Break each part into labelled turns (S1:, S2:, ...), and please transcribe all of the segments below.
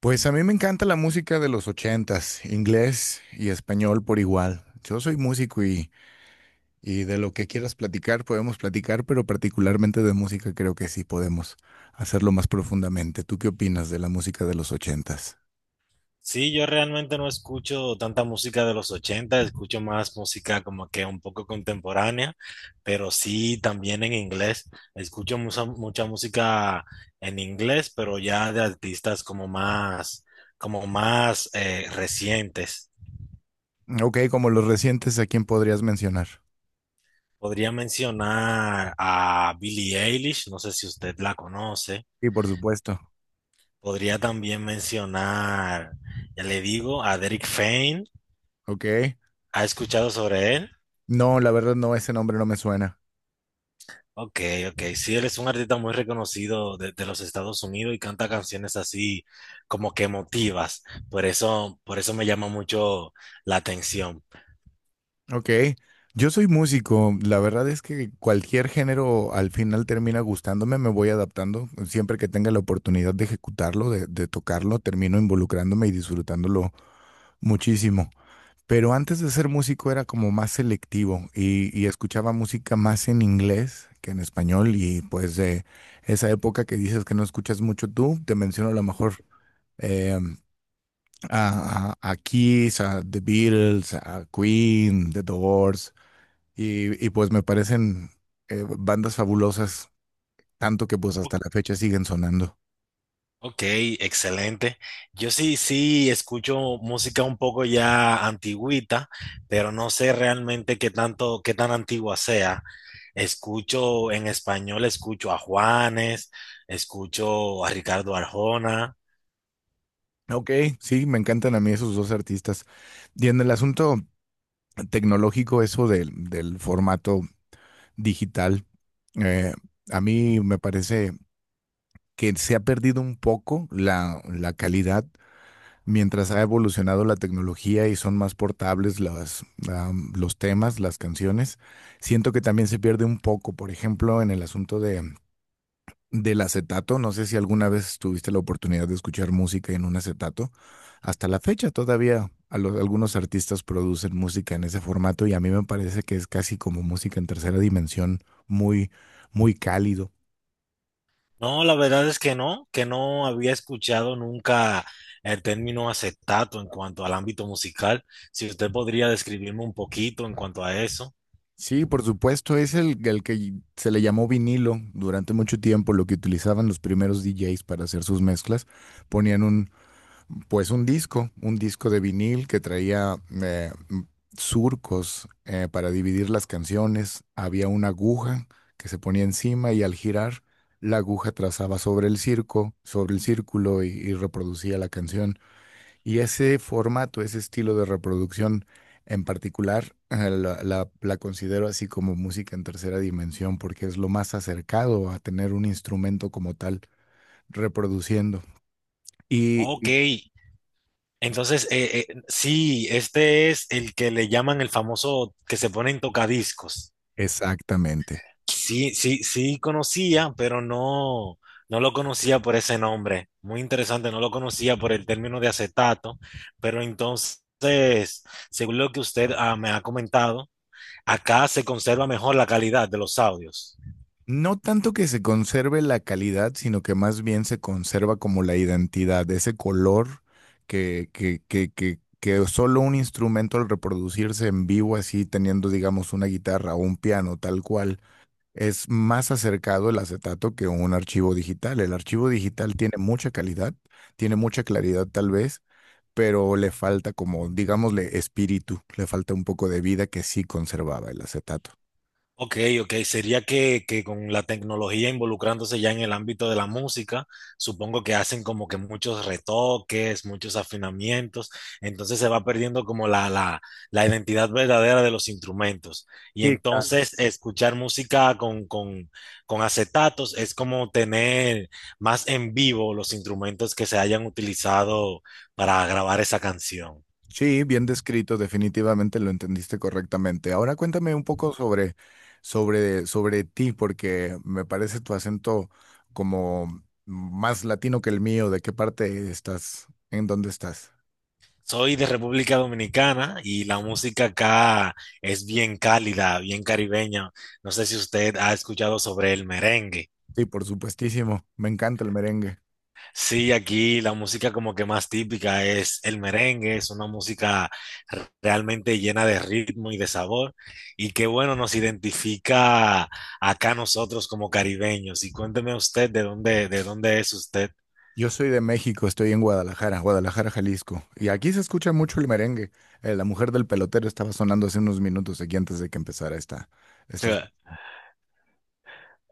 S1: Pues a mí me encanta la música de los ochentas, inglés y español por igual. Yo soy músico y de lo que quieras platicar podemos platicar, pero particularmente de música creo que sí podemos hacerlo más profundamente. ¿Tú qué opinas de la música de los ochentas?
S2: Sí, yo realmente no escucho tanta música de los 80. Escucho más música como que un poco contemporánea, pero sí también en inglés. Escucho mucha, mucha música en inglés, pero ya de artistas como más recientes.
S1: Ok, como los recientes, ¿a quién podrías mencionar?
S2: Podría mencionar a Billie Eilish, no sé si usted la conoce.
S1: Y por supuesto.
S2: Podría también mencionar, ya le digo, a Derek Fain.
S1: Ok.
S2: ¿Ha escuchado sobre él?
S1: No, la verdad no, ese nombre no me suena.
S2: Ok, ok. Sí, él es un artista muy reconocido de los Estados Unidos y canta canciones así como que emotivas. Por eso me llama mucho la atención.
S1: Ok, yo soy músico, la verdad es que cualquier género al final termina gustándome, me voy adaptando, siempre que tenga la oportunidad de ejecutarlo, de tocarlo, termino involucrándome y disfrutándolo muchísimo. Pero antes de ser músico era como más selectivo y escuchaba música más en inglés que en español y pues de esa época que dices que no escuchas mucho tú, te menciono a lo mejor eh, a, a Kiss, a The Beatles, a Queen, The Doors. Y pues me parecen bandas fabulosas, tanto que pues
S2: O-
S1: hasta la fecha siguen sonando.
S2: Ok, excelente. Yo sí, sí escucho música un poco ya antigüita, pero no sé realmente qué tanto, qué tan antigua sea. Escucho en español, escucho a Juanes, escucho a Ricardo Arjona.
S1: Ok, sí, me encantan a mí esos dos artistas. Y en el asunto tecnológico, eso del formato digital, eh, a mí me parece que se ha perdido un poco la calidad mientras ha evolucionado la tecnología y son más portables las, los temas, las canciones. Siento que también se pierde un poco, por ejemplo, en el asunto de del acetato. No sé si alguna vez tuviste la oportunidad de escuchar música en un acetato. Hasta la fecha todavía a algunos artistas producen música en ese formato y a mí me parece que es casi como música en tercera dimensión, muy, muy cálido.
S2: No, la verdad es que no había escuchado nunca el término acetato en cuanto al ámbito musical. Si usted podría describirme un poquito en cuanto a eso.
S1: Sí, por supuesto, es el que se le llamó vinilo durante mucho tiempo, lo que utilizaban los primeros DJs para hacer sus mezclas. Ponían un, pues un disco de vinil que traía eh, m- surcos para dividir las canciones. Había una aguja que se ponía encima y al girar la aguja trazaba sobre el circo, sobre el círculo y reproducía la canción. Y ese formato, ese estilo de reproducción en particular, la, la considero así como música en tercera dimensión porque es lo más acercado a tener un instrumento como tal reproduciendo. Y
S2: Ok, entonces sí, este es el que le llaman el famoso que se pone en tocadiscos.
S1: exactamente.
S2: Sí, sí, sí conocía, pero no, no lo conocía por ese nombre. Muy interesante, no lo conocía por el término de acetato, pero entonces, según lo que usted me ha comentado, acá se conserva mejor la calidad de los audios.
S1: No tanto que se conserve la calidad, sino que más bien se conserva como la identidad, ese color que solo un instrumento al reproducirse en vivo, así teniendo, digamos, una guitarra o un piano tal cual, es más acercado el acetato que un archivo digital. El archivo digital tiene mucha calidad, tiene mucha claridad tal vez, pero le falta como, digámosle, espíritu, le falta un poco de vida que sí conservaba el acetato.
S2: Ok, ok, sería que con la tecnología involucrándose ya en el ámbito de la música, supongo que hacen como que muchos retoques, muchos afinamientos, entonces se va perdiendo como la identidad verdadera de los instrumentos. Y
S1: Sí,
S2: entonces escuchar música con acetatos es como tener más en vivo los instrumentos que se hayan utilizado para grabar esa canción.
S1: Sí, bien descrito, definitivamente lo entendiste correctamente. Ahora cuéntame un poco sobre, sobre ti, porque me parece tu acento como más latino que el mío. ¿De qué parte estás? ¿En dónde estás?
S2: Soy de República Dominicana y la música acá es bien cálida, bien caribeña. No sé si usted ha escuchado sobre el merengue.
S1: Sí, por supuestísimo. Me encanta el merengue.
S2: Sí, aquí la música como que más típica es el merengue, es una música realmente llena de ritmo y de sabor y que bueno, nos identifica acá nosotros como caribeños. Y cuénteme usted de dónde es usted.
S1: Yo soy de México, estoy en Guadalajara, Guadalajara, Jalisco. Y aquí se escucha mucho el merengue. La mujer del pelotero estaba sonando hace unos minutos aquí antes de que empezara esta.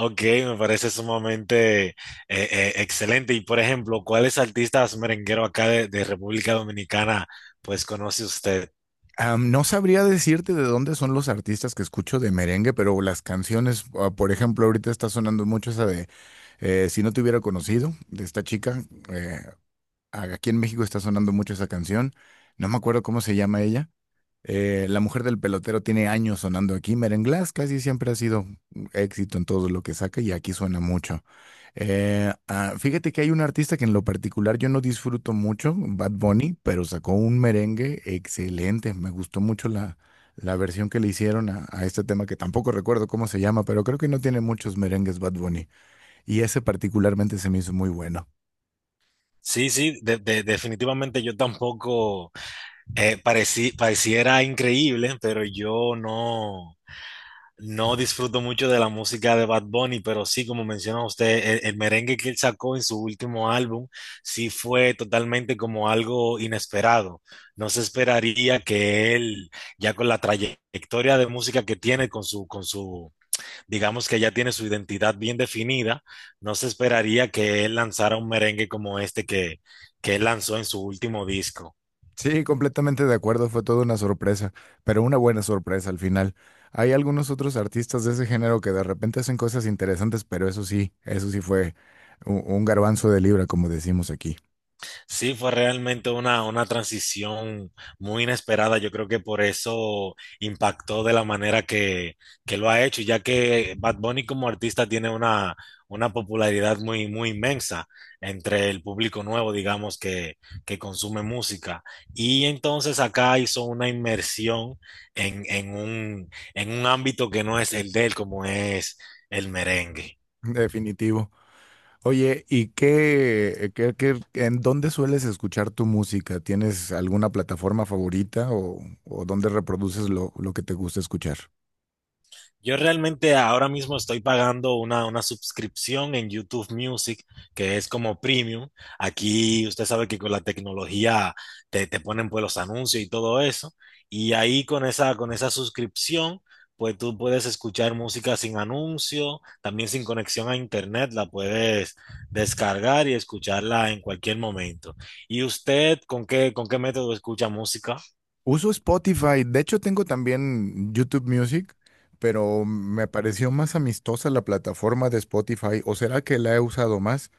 S2: Ok, me parece sumamente excelente. Y por ejemplo, ¿cuáles artistas merengueros acá de República Dominicana pues conoce usted?
S1: Am, no sabría decirte de dónde son los artistas que escucho de merengue, pero las canciones, ah, por ejemplo, ahorita está sonando mucho esa de Si no te hubiera conocido, de esta chica. eh, Aquí en México está sonando mucho esa canción. No me acuerdo cómo se llama ella. La mujer del pelotero tiene años sonando aquí. Merenglass casi siempre ha sido un éxito en todo lo que saca y aquí suena mucho. Fíjate que hay un artista que en lo particular yo no disfruto mucho, Bad Bunny, pero sacó un merengue excelente. Me gustó mucho la, la versión que le hicieron a este tema, que tampoco recuerdo cómo se llama, pero creo que no tiene muchos merengues Bad Bunny. Y ese particularmente se me hizo muy bueno.
S2: Sí, sí, definitivamente yo tampoco pareciera increíble, pero yo no. No disfruto mucho de la música de Bad Bunny, pero sí, como menciona usted, el merengue que él sacó en su último álbum sí fue totalmente como algo inesperado. No se esperaría que él, ya con la trayectoria de música que tiene, digamos que ya tiene su identidad bien definida, no se esperaría que él lanzara un merengue como este que él lanzó en su último disco.
S1: Sí, completamente de acuerdo, fue toda una sorpresa, pero una buena sorpresa al final. Hay algunos otros artistas de ese género que de repente hacen cosas interesantes, pero eso sí fue un garbanzo de libra, como decimos aquí.
S2: Sí, fue realmente una transición muy inesperada. Yo creo que por eso impactó de la manera que lo ha hecho, ya que Bad Bunny como artista tiene una popularidad muy, muy inmensa entre el público nuevo, digamos, que consume música. Y entonces acá hizo una inmersión en un ámbito que no es el de él, como es el merengue.
S1: Definitivo. Oye, ¿y qué- en dónde sueles escuchar tu música? ¿Tienes alguna plataforma favorita o dónde reproduces lo que te gusta escuchar?
S2: Yo realmente ahora mismo estoy pagando una suscripción en YouTube Music, que es como premium. Aquí usted sabe que con la tecnología te ponen pues los anuncios y todo eso. Y ahí con esa suscripción, pues tú puedes escuchar música sin anuncio, también sin conexión a internet, la puedes descargar y escucharla en cualquier momento. ¿Y usted con qué método escucha música?
S1: Uso Spotify, de hecho tengo también YouTube Music, pero me pareció más amistosa la plataforma de Spotify, ¿o será que la he usado más?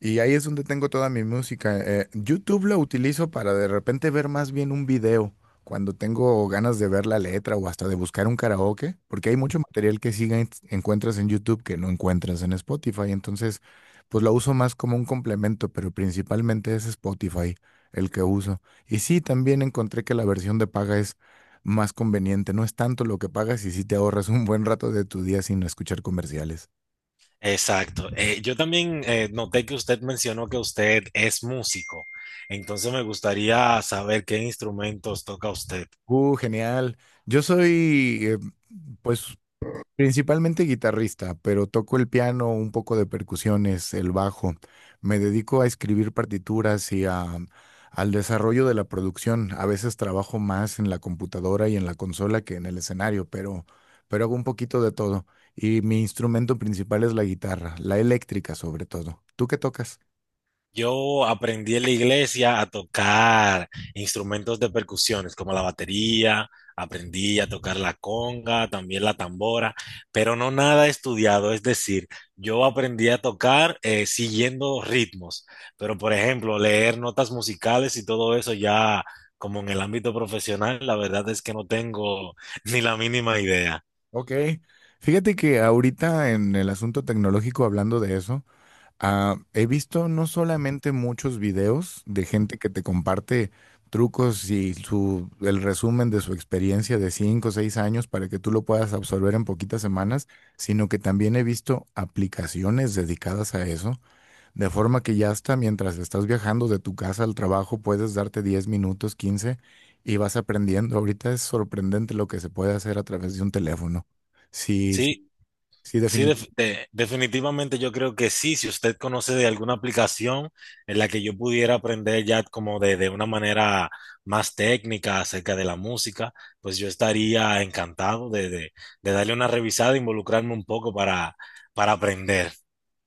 S1: Y ahí es donde tengo toda mi música. YouTube lo utilizo para de repente ver más bien un video, cuando tengo ganas de ver la letra o hasta de buscar un karaoke, porque hay mucho material que sí encuentras en YouTube que no encuentras en Spotify. Entonces, pues lo uso más como un complemento, pero principalmente es Spotify el que uso. Y sí, también encontré que la versión de paga es más conveniente. No es tanto lo que pagas y sí te ahorras un buen rato de tu día sin escuchar comerciales.
S2: Exacto. Yo también noté que usted mencionó que usted es músico. Entonces me gustaría saber qué instrumentos toca usted.
S1: Genial. Yo soy, pues, principalmente guitarrista, pero toco el piano, un poco de percusiones, el bajo. Me dedico a escribir partituras al desarrollo de la producción. A veces trabajo más en la computadora y en la consola que en el escenario, pero hago un poquito de todo. Y mi instrumento principal es la guitarra, la eléctrica sobre todo. ¿Tú qué tocas?
S2: Yo aprendí en la iglesia a tocar instrumentos de percusiones como la batería, aprendí a tocar la conga, también la tambora, pero no nada estudiado, es decir, yo aprendí a tocar siguiendo ritmos, pero por ejemplo, leer notas musicales y todo eso ya como en el ámbito profesional, la verdad es que no tengo ni la mínima idea.
S1: Ok. Fíjate que ahorita en el asunto tecnológico, hablando de eso, ah, he visto no solamente muchos videos de gente que te comparte trucos y su, el resumen de su experiencia de 5 o 6 años para que tú lo puedas absorber en poquitas semanas, sino que también he visto aplicaciones dedicadas a eso, de forma que ya hasta mientras estás viajando de tu casa al trabajo puedes darte 10 minutos, 15 y vas aprendiendo. Ahorita es sorprendente lo que se puede hacer a través de un teléfono. Sí, sí,
S2: Sí,
S1: sí,
S2: sí,
S1: definitivamente.
S2: definitivamente yo creo que sí. Si usted conoce de alguna aplicación en la que yo pudiera aprender ya como de una manera más técnica acerca de la música, pues yo estaría encantado de darle una revisada e involucrarme un poco para aprender.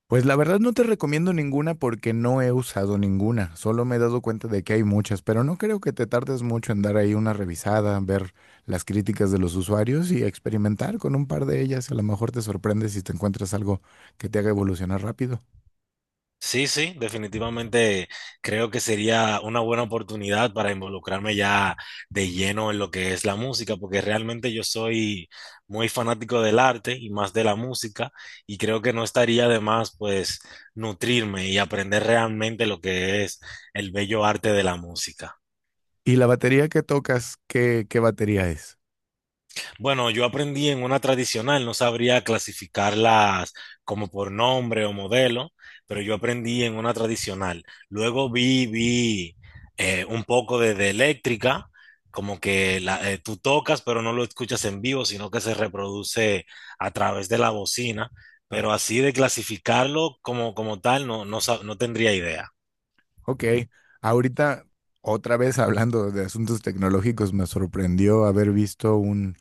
S1: Pues la verdad no te recomiendo ninguna porque no he usado ninguna, solo me he dado cuenta de que hay muchas, pero no creo que te tardes mucho en dar ahí una revisada, ver las críticas de los usuarios y experimentar con un par de ellas. A lo mejor te sorprendes si te encuentras algo que te haga evolucionar rápido.
S2: Sí, sí, definitivamente creo que sería una buena oportunidad para involucrarme ya de lleno en lo que es la música, porque realmente yo soy muy fanático del arte y más de la música, y creo que no estaría de más pues nutrirme y aprender realmente lo que es el bello arte de la música.
S1: ¿Y la batería que tocas, qué batería es?
S2: Bueno, yo aprendí en una tradicional, no sabría clasificarlas como por nombre o modelo, pero yo aprendí en una tradicional. Luego vi un poco de eléctrica, como que tú tocas, pero no lo escuchas en vivo, sino que se reproduce a través de la bocina,
S1: Ah,
S2: pero así de clasificarlo como, como tal, no, no, no tendría idea.
S1: ok, ahorita otra vez hablando de asuntos tecnológicos, me sorprendió haber visto un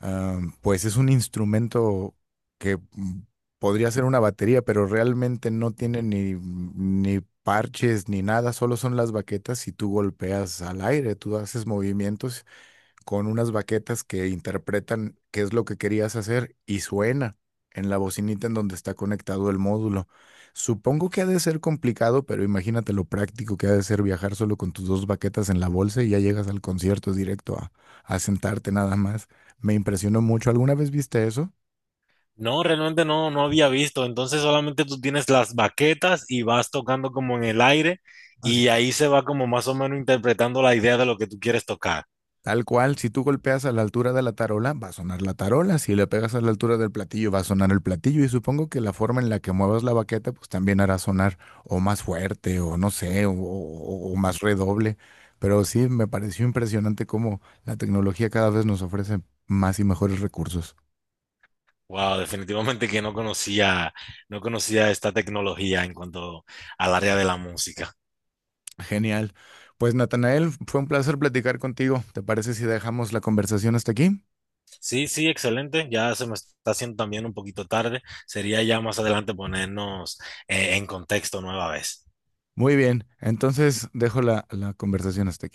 S1: pues es un instrumento que podría ser una batería, pero realmente no tiene ni parches ni nada, solo son las baquetas y tú golpeas al aire, tú haces movimientos con unas baquetas que interpretan qué es lo que querías hacer y suena en la bocinita en donde está conectado el módulo. Supongo que ha de ser complicado, pero imagínate lo práctico que ha de ser viajar solo con tus dos baquetas en la bolsa y ya llegas al concierto directo a sentarte nada más. Me impresionó mucho. ¿Alguna vez viste eso?
S2: No, realmente no, no había visto. Entonces solamente tú tienes las baquetas y vas tocando como en el aire y ahí se va como más o menos interpretando la idea de lo que tú quieres tocar.
S1: Tal cual, si tú golpeas a la altura de la tarola, va a sonar la tarola, si le pegas a la altura del platillo, va a sonar el platillo y supongo que la forma en la que muevas la baqueta, pues también hará sonar o más fuerte o no sé, o más redoble. Pero sí, me pareció impresionante cómo la tecnología cada vez nos ofrece más y mejores recursos.
S2: Wow, definitivamente que no conocía, no conocía esta tecnología en cuanto al área de la música.
S1: Genial. Pues Natanael, fue un placer platicar contigo. ¿Te parece si dejamos la conversación hasta aquí?
S2: Sí, sí, excelente. Ya se me está haciendo también un poquito tarde. Sería ya más adelante ponernos en contexto nueva vez.
S1: Muy bien, entonces dejo la conversación hasta aquí.